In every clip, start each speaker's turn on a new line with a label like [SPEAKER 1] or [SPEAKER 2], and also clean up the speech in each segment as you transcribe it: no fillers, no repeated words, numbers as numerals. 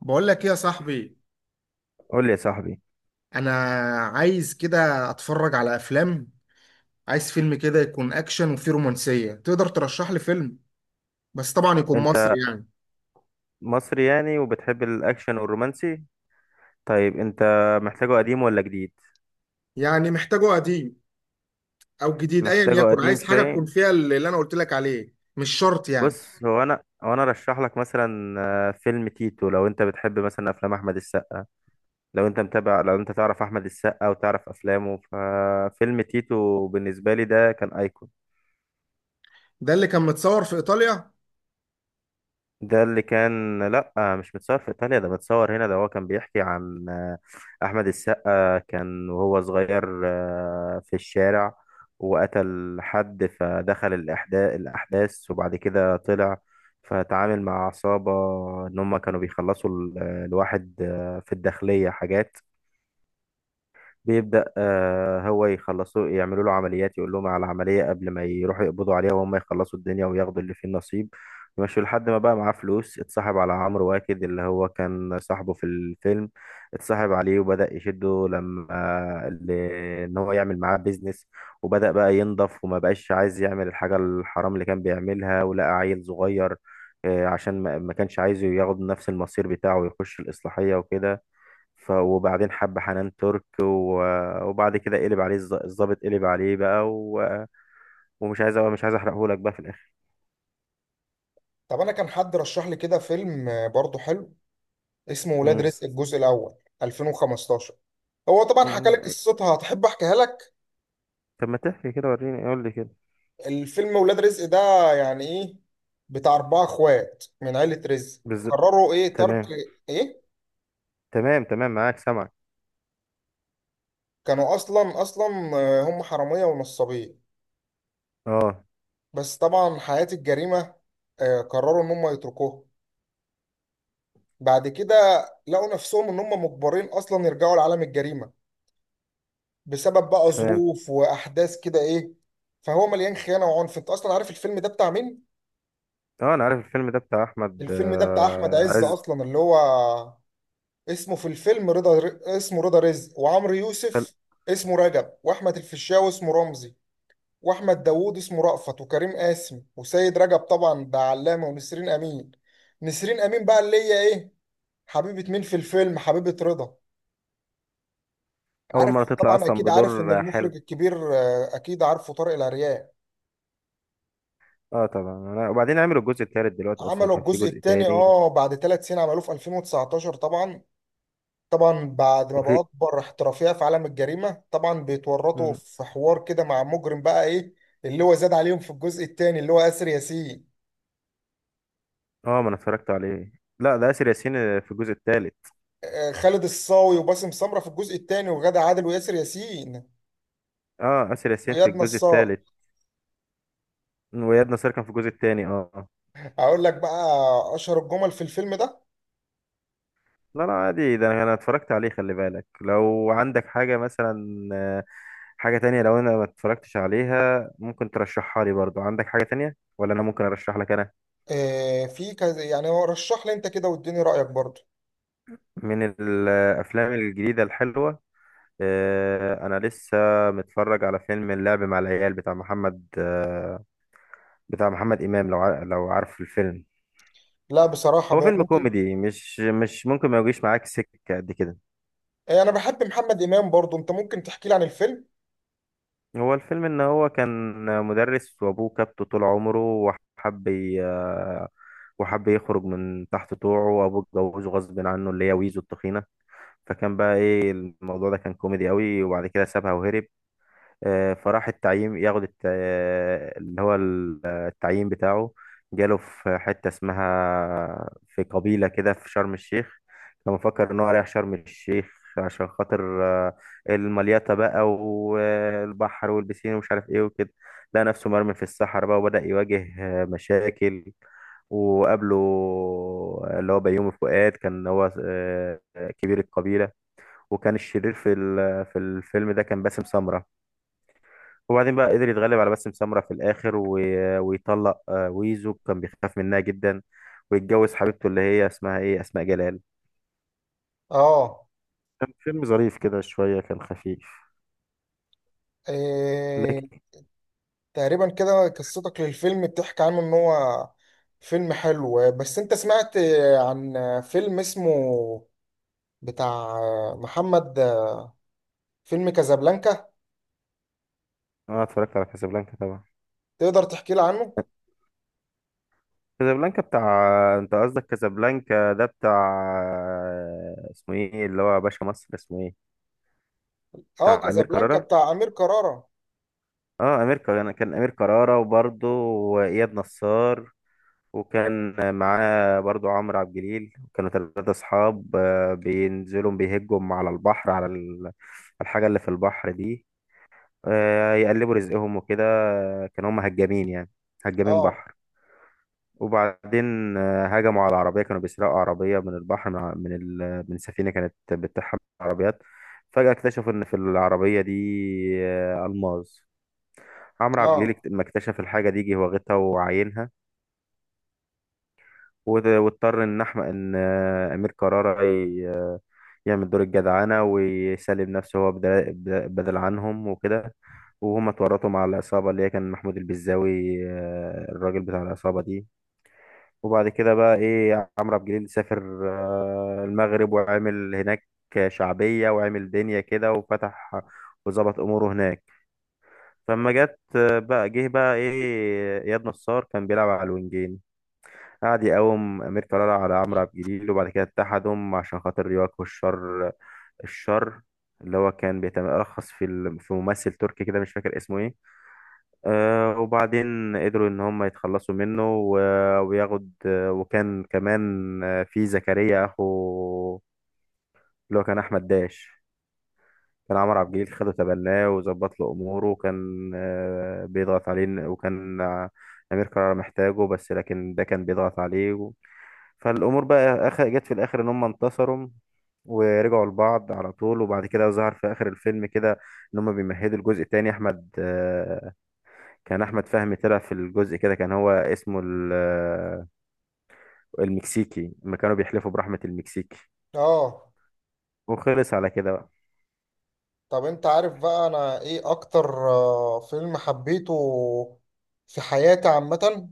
[SPEAKER 1] بقول لك ايه يا صاحبي؟
[SPEAKER 2] قول لي يا صاحبي.
[SPEAKER 1] انا عايز كده اتفرج على افلام. عايز فيلم كده يكون اكشن وفيه رومانسية. تقدر ترشح لي فيلم بس طبعا يكون
[SPEAKER 2] انت
[SPEAKER 1] مصري يعني؟
[SPEAKER 2] مصري يعني وبتحب الاكشن والرومانسي؟ طيب انت محتاجه قديم ولا جديد؟
[SPEAKER 1] يعني محتاجه قديم او جديد ايا
[SPEAKER 2] محتاجه
[SPEAKER 1] يكن،
[SPEAKER 2] قديم
[SPEAKER 1] عايز حاجة
[SPEAKER 2] شويه.
[SPEAKER 1] تكون فيها اللي انا قلت لك عليه، مش شرط يعني.
[SPEAKER 2] بص هو انا رشح لك مثلا فيلم تيتو. لو انت بتحب مثلا افلام احمد السقا، لو انت تعرف احمد السقا وتعرف افلامه، ففيلم تيتو بالنسبه لي ده كان ايكون.
[SPEAKER 1] ده اللي كان متصور في ايطاليا؟
[SPEAKER 2] ده اللي كان لا، مش متصور في ايطاليا، ده متصور هنا. ده هو كان بيحكي عن احمد السقا كان وهو صغير في الشارع، وقتل حد، فدخل الاحداث، وبعد كده طلع، فتعامل مع عصابة ان هم كانوا بيخلصوا الواحد في الداخلية حاجات. بيبدأ هو يخلصوا، يعملوا له عمليات، يقول لهم على العملية قبل ما يروحوا يقبضوا عليها، وهم يخلصوا الدنيا وياخدوا اللي فيه النصيب، يمشوا، لحد ما بقى معاه فلوس. اتصاحب على عمرو واكد، اللي هو كان صاحبه في الفيلم. اتصاحب عليه وبدأ يشده ان هو يعمل معاه بيزنس، وبدأ بقى ينضف، وما بقاش عايز يعمل الحاجة الحرام اللي كان بيعملها. ولقى عيل صغير عشان ما كانش عايزه ياخد نفس المصير بتاعه ويخش الإصلاحية وكده. وبعدين حب حنان ترك وبعد كده قلب عليه الظابط، قلب عليه بقى، ومش عايز، مش عايز احرقهولك بقى في الاخر.
[SPEAKER 1] طب انا كان حد رشح لي كده فيلم برضه حلو، اسمه ولاد
[SPEAKER 2] مم.
[SPEAKER 1] رزق الجزء الاول 2015. هو طبعا حكى
[SPEAKER 2] مم.
[SPEAKER 1] لك قصتها؟ هتحب احكيها لك؟
[SPEAKER 2] طب ما تحكي كده، وريني قول لي كده.
[SPEAKER 1] الفيلم ولاد رزق ده يعني ايه؟ بتاع اربعة اخوات من عيلة رزق،
[SPEAKER 2] بالظبط.
[SPEAKER 1] قرروا ايه؟ ترك.
[SPEAKER 2] تمام
[SPEAKER 1] ايه.
[SPEAKER 2] تمام تمام معاك، سامعك.
[SPEAKER 1] كانوا اصلا اصلا هم حرامية ونصابين.
[SPEAKER 2] اه.
[SPEAKER 1] بس طبعا حياة الجريمة، قرروا ان هم يتركوها بعد كده. لقوا نفسهم ان هم مجبرين اصلا يرجعوا لعالم الجريمة بسبب بقى
[SPEAKER 2] تمام.
[SPEAKER 1] ظروف واحداث كده، ايه. فهو مليان خيانة وعنف. انت اصلا عارف الفيلم ده بتاع مين؟
[SPEAKER 2] اه، انا عارف الفيلم ده بتاع احمد
[SPEAKER 1] الفيلم ده بتاع احمد عز.
[SPEAKER 2] عز.
[SPEAKER 1] اصلا اللي هو اسمه في الفيلم رضا، اسمه رضا رزق، وعمرو
[SPEAKER 2] خل...
[SPEAKER 1] يوسف اسمه رجب، واحمد الفيشاوي اسمه رمزي، واحمد داوود اسمه رأفت، وكريم قاسم، وسيد رجب طبعا ده علامة، ونسرين امين. نسرين امين بقى اللي هي ايه، حبيبة مين في الفيلم؟ حبيبة رضا.
[SPEAKER 2] اول مره
[SPEAKER 1] عارف
[SPEAKER 2] تطلع
[SPEAKER 1] طبعا،
[SPEAKER 2] اصلا
[SPEAKER 1] اكيد عارف ان
[SPEAKER 2] بدور حلو.
[SPEAKER 1] المخرج الكبير اكيد عارفه، طارق العريان.
[SPEAKER 2] اه طبعا، انا وبعدين عملوا الجزء التالت دلوقتي، اصلا
[SPEAKER 1] عملوا
[SPEAKER 2] كان في
[SPEAKER 1] الجزء
[SPEAKER 2] جزء
[SPEAKER 1] الثاني،
[SPEAKER 2] تاني.
[SPEAKER 1] اه، بعد 3 سنين عملوه في 2019 طبعا. طبعا بعد ما بقى
[SPEAKER 2] وفي
[SPEAKER 1] اكبر احترافيه في عالم الجريمه، طبعا بيتورطوا
[SPEAKER 2] مم.
[SPEAKER 1] في حوار كده مع مجرم، بقى ايه اللي هو زاد عليهم في الجزء الثاني، اللي هو ياسر ياسين،
[SPEAKER 2] اه، ما انا اتفرجت عليه. لا، ده اسر ياسين في الجزء التالت.
[SPEAKER 1] خالد الصاوي، وباسم سمره في الجزء الثاني، وغادة عادل، وياسر ياسين،
[SPEAKER 2] اه، آسر ياسين في
[SPEAKER 1] وإياد
[SPEAKER 2] الجزء
[SPEAKER 1] نصار.
[SPEAKER 2] الثالث. وإياد نصار كان في الجزء الثاني. اه. آه.
[SPEAKER 1] هقول لك بقى اشهر الجمل في الفيلم ده.
[SPEAKER 2] لا لا عادي، ده أنا اتفرجت عليه. خلي بالك، لو عندك حاجة مثلا، حاجة تانية لو انا ما اتفرجتش عليها ممكن ترشحها لي، برضو عندك حاجة تانية ولا انا ممكن ارشح لك انا؟
[SPEAKER 1] في كذا يعني، هو رشح لي انت كده واديني رايك برضه.
[SPEAKER 2] من الافلام الجديدة الحلوة، انا لسه متفرج على فيلم اللعب مع العيال بتاع محمد بتاع محمد امام. لو عارف الفيلم،
[SPEAKER 1] لا بصراحه
[SPEAKER 2] هو
[SPEAKER 1] بقى،
[SPEAKER 2] فيلم
[SPEAKER 1] ممكن.
[SPEAKER 2] كوميدي، مش ممكن ما يجيش معاك سكة قد كده.
[SPEAKER 1] انا بحب محمد امام برضه. انت ممكن تحكي لي عن الفيلم؟
[SPEAKER 2] هو الفيلم ان هو كان مدرس، وابوه كابته طول عمره. وحب ي- وحب يخرج من تحت طوعه. وابوه اتجوزه غصب عنه، اللي هي ويزو التخينه. فكان بقى ايه، الموضوع ده كان كوميدي قوي. وبعد كده سابها وهرب. فراح التعيين، ياخد الت- آه، اللي هو ال- آه، التعيين بتاعه. جاله في حتة اسمها، في قبيلة كده، في شرم الشيخ. كان مفكر إن هو رايح شرم الشيخ عشان خاطر، المليطة بقى والبحر والبسين ومش عارف إيه وكده. لقى نفسه مرمي في الصحراء بقى، وبدأ يواجه مشاكل. وقابله اللي هو بيومي فؤاد، كان هو كبير القبيلة. وكان الشرير في الفيلم ده كان باسم سمرة. وبعدين بقى قدر يتغلب على باسم سمرة في الآخر ويطلق ويزو، كان بيخاف منها جدا. ويتجوز حبيبته اللي هي اسمها ايه، أسماء جلال.
[SPEAKER 1] اه.
[SPEAKER 2] كان فيلم ظريف كده شوية، كان خفيف.
[SPEAKER 1] آه،
[SPEAKER 2] لكن.
[SPEAKER 1] تقريبا كده قصتك للفيلم بتحكي عنه ان هو فيلم حلو. بس انت سمعت عن فيلم اسمه بتاع محمد، فيلم كازابلانكا؟
[SPEAKER 2] اه، اتفرجت على كازابلانكا طبعا.
[SPEAKER 1] تقدر تحكي لي عنه؟
[SPEAKER 2] كازابلانكا بتاع، انت قصدك كازابلانكا ده بتاع اسمه ايه اللي هو باشا مصر، اسمه ايه؟
[SPEAKER 1] اه،
[SPEAKER 2] بتاع امير
[SPEAKER 1] كازابلانكا
[SPEAKER 2] كرارة.
[SPEAKER 1] بتاع امير كرارة.
[SPEAKER 2] اه، امير كرارة. كان امير كرارة وبرضه واياد نصار، وكان معاه برضو عمرو عبد الجليل. كانوا ثلاثة أصحاب بينزلوا بيهجوا على البحر، على الحاجة اللي في البحر دي، يقلبوا رزقهم وكده. كانوا هم هجامين يعني، هجامين
[SPEAKER 1] اه.
[SPEAKER 2] بحر. وبعدين هجموا على عربية، كانوا بيسرقوا عربية من البحر، من ع- من ال- من سفينة كانت بتطحن عربيات. فجأة اكتشفوا إن في العربية دي ألماس. عمرو عبد الجليل
[SPEAKER 1] اه.
[SPEAKER 2] لما اكتشف الحاجة دي جه واخدها وعاينها. واضطر ان احمد ان امير كرارة يعمل دور الجدعانة ويسلم نفسه هو بدل، عنهم وكده. وهم اتورطوا مع العصابة اللي هي كان محمود البزاوي، الراجل بتاع العصابة دي. وبعد كده بقى ايه، عمرو عبد الجليل سافر المغرب وعمل هناك شعبية، وعمل دنيا كده، وفتح وظبط أموره هناك. فلما جت بقى، جه بقى ايه إياد نصار، كان بيلعب على الوينجين، قعد يقاوم أمير كرارة على عمرو عبد الجليل. وبعد كده اتحدهم عشان خاطر يواجهوا الشر. الشر اللي هو كان بيترخص في ممثل تركي كده، مش فاكر اسمه ايه. آه، وبعدين قدروا ان هم يتخلصوا منه وياخد وكان كمان في زكريا اخو، اللي هو كان احمد داش. كان عمرو عبد الجليل خده تبناه وظبط له اموره. وكان بيضغط عليه، وكان امير كرارة محتاجه بس، لكن ده كان بيضغط عليه. فالامور بقى جت في الاخر ان هم انتصروا، ورجعوا لبعض على طول. وبعد كده ظهر في اخر الفيلم كده، ان هم بيمهدوا الجزء التاني. احمد كان احمد فهمي طلع في الجزء كده، كان هو اسمه المكسيكي، لما كانوا بيحلفوا برحمة المكسيكي.
[SPEAKER 1] اه.
[SPEAKER 2] وخلص على كده بقى.
[SPEAKER 1] طب انت عارف بقى انا ايه اكتر فيلم حبيته في حياتي عامة؟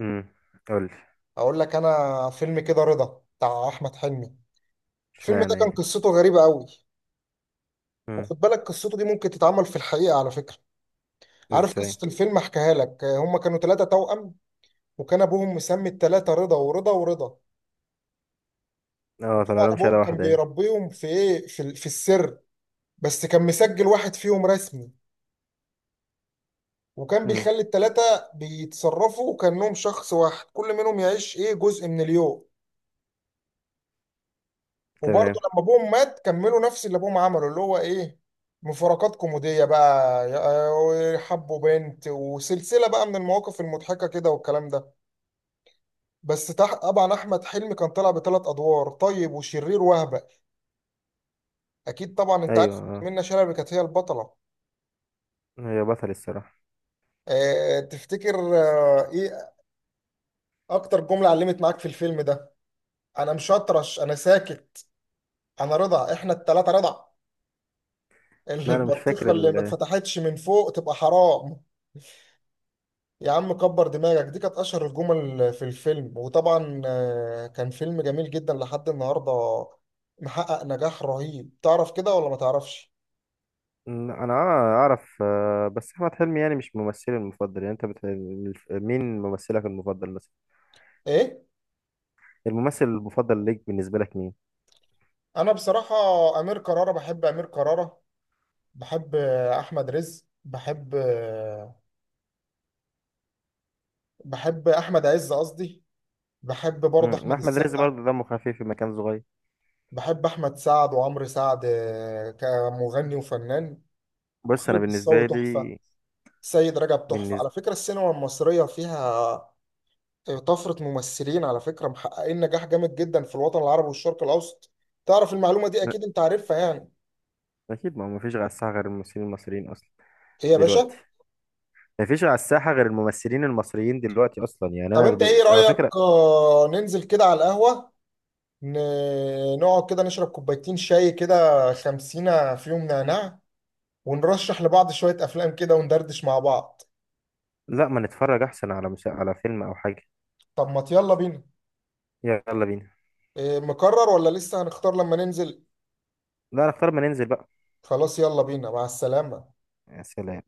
[SPEAKER 2] امم. قول.
[SPEAKER 1] اقول لك، انا فيلم كده رضا بتاع احمد حلمي. الفيلم ده
[SPEAKER 2] اشمعنى
[SPEAKER 1] كان
[SPEAKER 2] يعني؟
[SPEAKER 1] قصته غريبة قوي.
[SPEAKER 2] امم.
[SPEAKER 1] وخد بالك قصته دي ممكن تتعمل في الحقيقة على فكرة. عارف
[SPEAKER 2] ازاي؟
[SPEAKER 1] قصة الفيلم؟ احكيها لك. هما كانوا ثلاثة توأم. وكان أبوهم مسمي الثلاثة رضا ورضا ورضا.
[SPEAKER 2] اه، طلع
[SPEAKER 1] وطبعا
[SPEAKER 2] لهم شهادة
[SPEAKER 1] أبوهم كان
[SPEAKER 2] واحدة يعني.
[SPEAKER 1] بيربيهم في إيه، في السر. بس كان مسجل واحد فيهم رسمي. وكان
[SPEAKER 2] امم.
[SPEAKER 1] بيخلي الثلاثة بيتصرفوا كأنهم شخص واحد، كل منهم يعيش إيه جزء من اليوم. وبرضه
[SPEAKER 2] تمام.
[SPEAKER 1] لما أبوهم مات كملوا نفس اللي أبوهم عمله، اللي هو إيه مفارقات كوميدية بقى، حبوا بنت وسلسلة بقى من المواقف المضحكة كده والكلام ده. طبعا احمد حلمي كان طالع بثلاث ادوار، طيب وشرير وهبه. اكيد طبعا انت
[SPEAKER 2] ايوه،
[SPEAKER 1] عارف إن
[SPEAKER 2] اه.
[SPEAKER 1] منة شلبي كانت هي البطله.
[SPEAKER 2] هي بطل الصراحة.
[SPEAKER 1] أه، تفتكر؟ أه. ايه اكتر جمله علمت معاك في الفيلم ده؟ انا مش هطرش، انا ساكت. انا رضا، احنا الثلاثه رضا.
[SPEAKER 2] لا، انا مش فاكر.
[SPEAKER 1] البطيخه اللي ما اتفتحتش من فوق تبقى حرام. يا عم كبر دماغك. دي كانت اشهر الجمل في الفيلم، وطبعا كان فيلم جميل جدا لحد النهارده. محقق نجاح رهيب، تعرف كده ولا ما تعرفش؟
[SPEAKER 2] انا آه اعرف، بس احمد حلمي يعني مش ممثلي المفضل يعني. مين ممثلك المفضل مثلا؟
[SPEAKER 1] ايه،
[SPEAKER 2] الممثل المفضل ليك بالنسبه لك مين؟
[SPEAKER 1] انا بصراحه امير كرارة بحب، امير كرارة بحب، احمد رزق بحب احمد عز قصدي، بحب برضه
[SPEAKER 2] امم،
[SPEAKER 1] احمد
[SPEAKER 2] احمد رزق
[SPEAKER 1] السقا.
[SPEAKER 2] برضه دمه خفيف في مكان صغير.
[SPEAKER 1] بحب احمد سعد وعمرو سعد كمغني وفنان.
[SPEAKER 2] بص، انا
[SPEAKER 1] خالد الصاوي
[SPEAKER 2] بالنسبه
[SPEAKER 1] تحفه.
[SPEAKER 2] لي،
[SPEAKER 1] سيد رجب تحفه. على
[SPEAKER 2] بالنسبه
[SPEAKER 1] فكره السينما المصريه فيها طفره ممثلين، على فكره محققين نجاح جامد جدا في الوطن العربي والشرق الاوسط. تعرف المعلومه دي؟ اكيد انت عارفها يعني.
[SPEAKER 2] اكيد، ما هو مفيش على الساحه غير الممثلين المصريين اصلا
[SPEAKER 1] ايه يا
[SPEAKER 2] دلوقتي.
[SPEAKER 1] باشا.
[SPEAKER 2] مفيش على الساحه غير الممثلين المصريين دلوقتي اصلا يعني.
[SPEAKER 1] طب انت ايه
[SPEAKER 2] على فكره،
[SPEAKER 1] رايك ننزل كده على القهوه، نقعد كده نشرب كوبايتين شاي كده، خمسينة فيهم نعناع، ونرشح لبعض شوية أفلام كده وندردش مع بعض.
[SPEAKER 2] لا، ما نتفرج احسن على على فيلم او حاجه.
[SPEAKER 1] طب ما يلا بينا.
[SPEAKER 2] يلا بينا.
[SPEAKER 1] إيه، مقرر ولا لسه هنختار لما ننزل؟
[SPEAKER 2] لا، نختار ما ننزل بقى.
[SPEAKER 1] خلاص يلا بينا، مع السلامة.
[SPEAKER 2] يا سلام.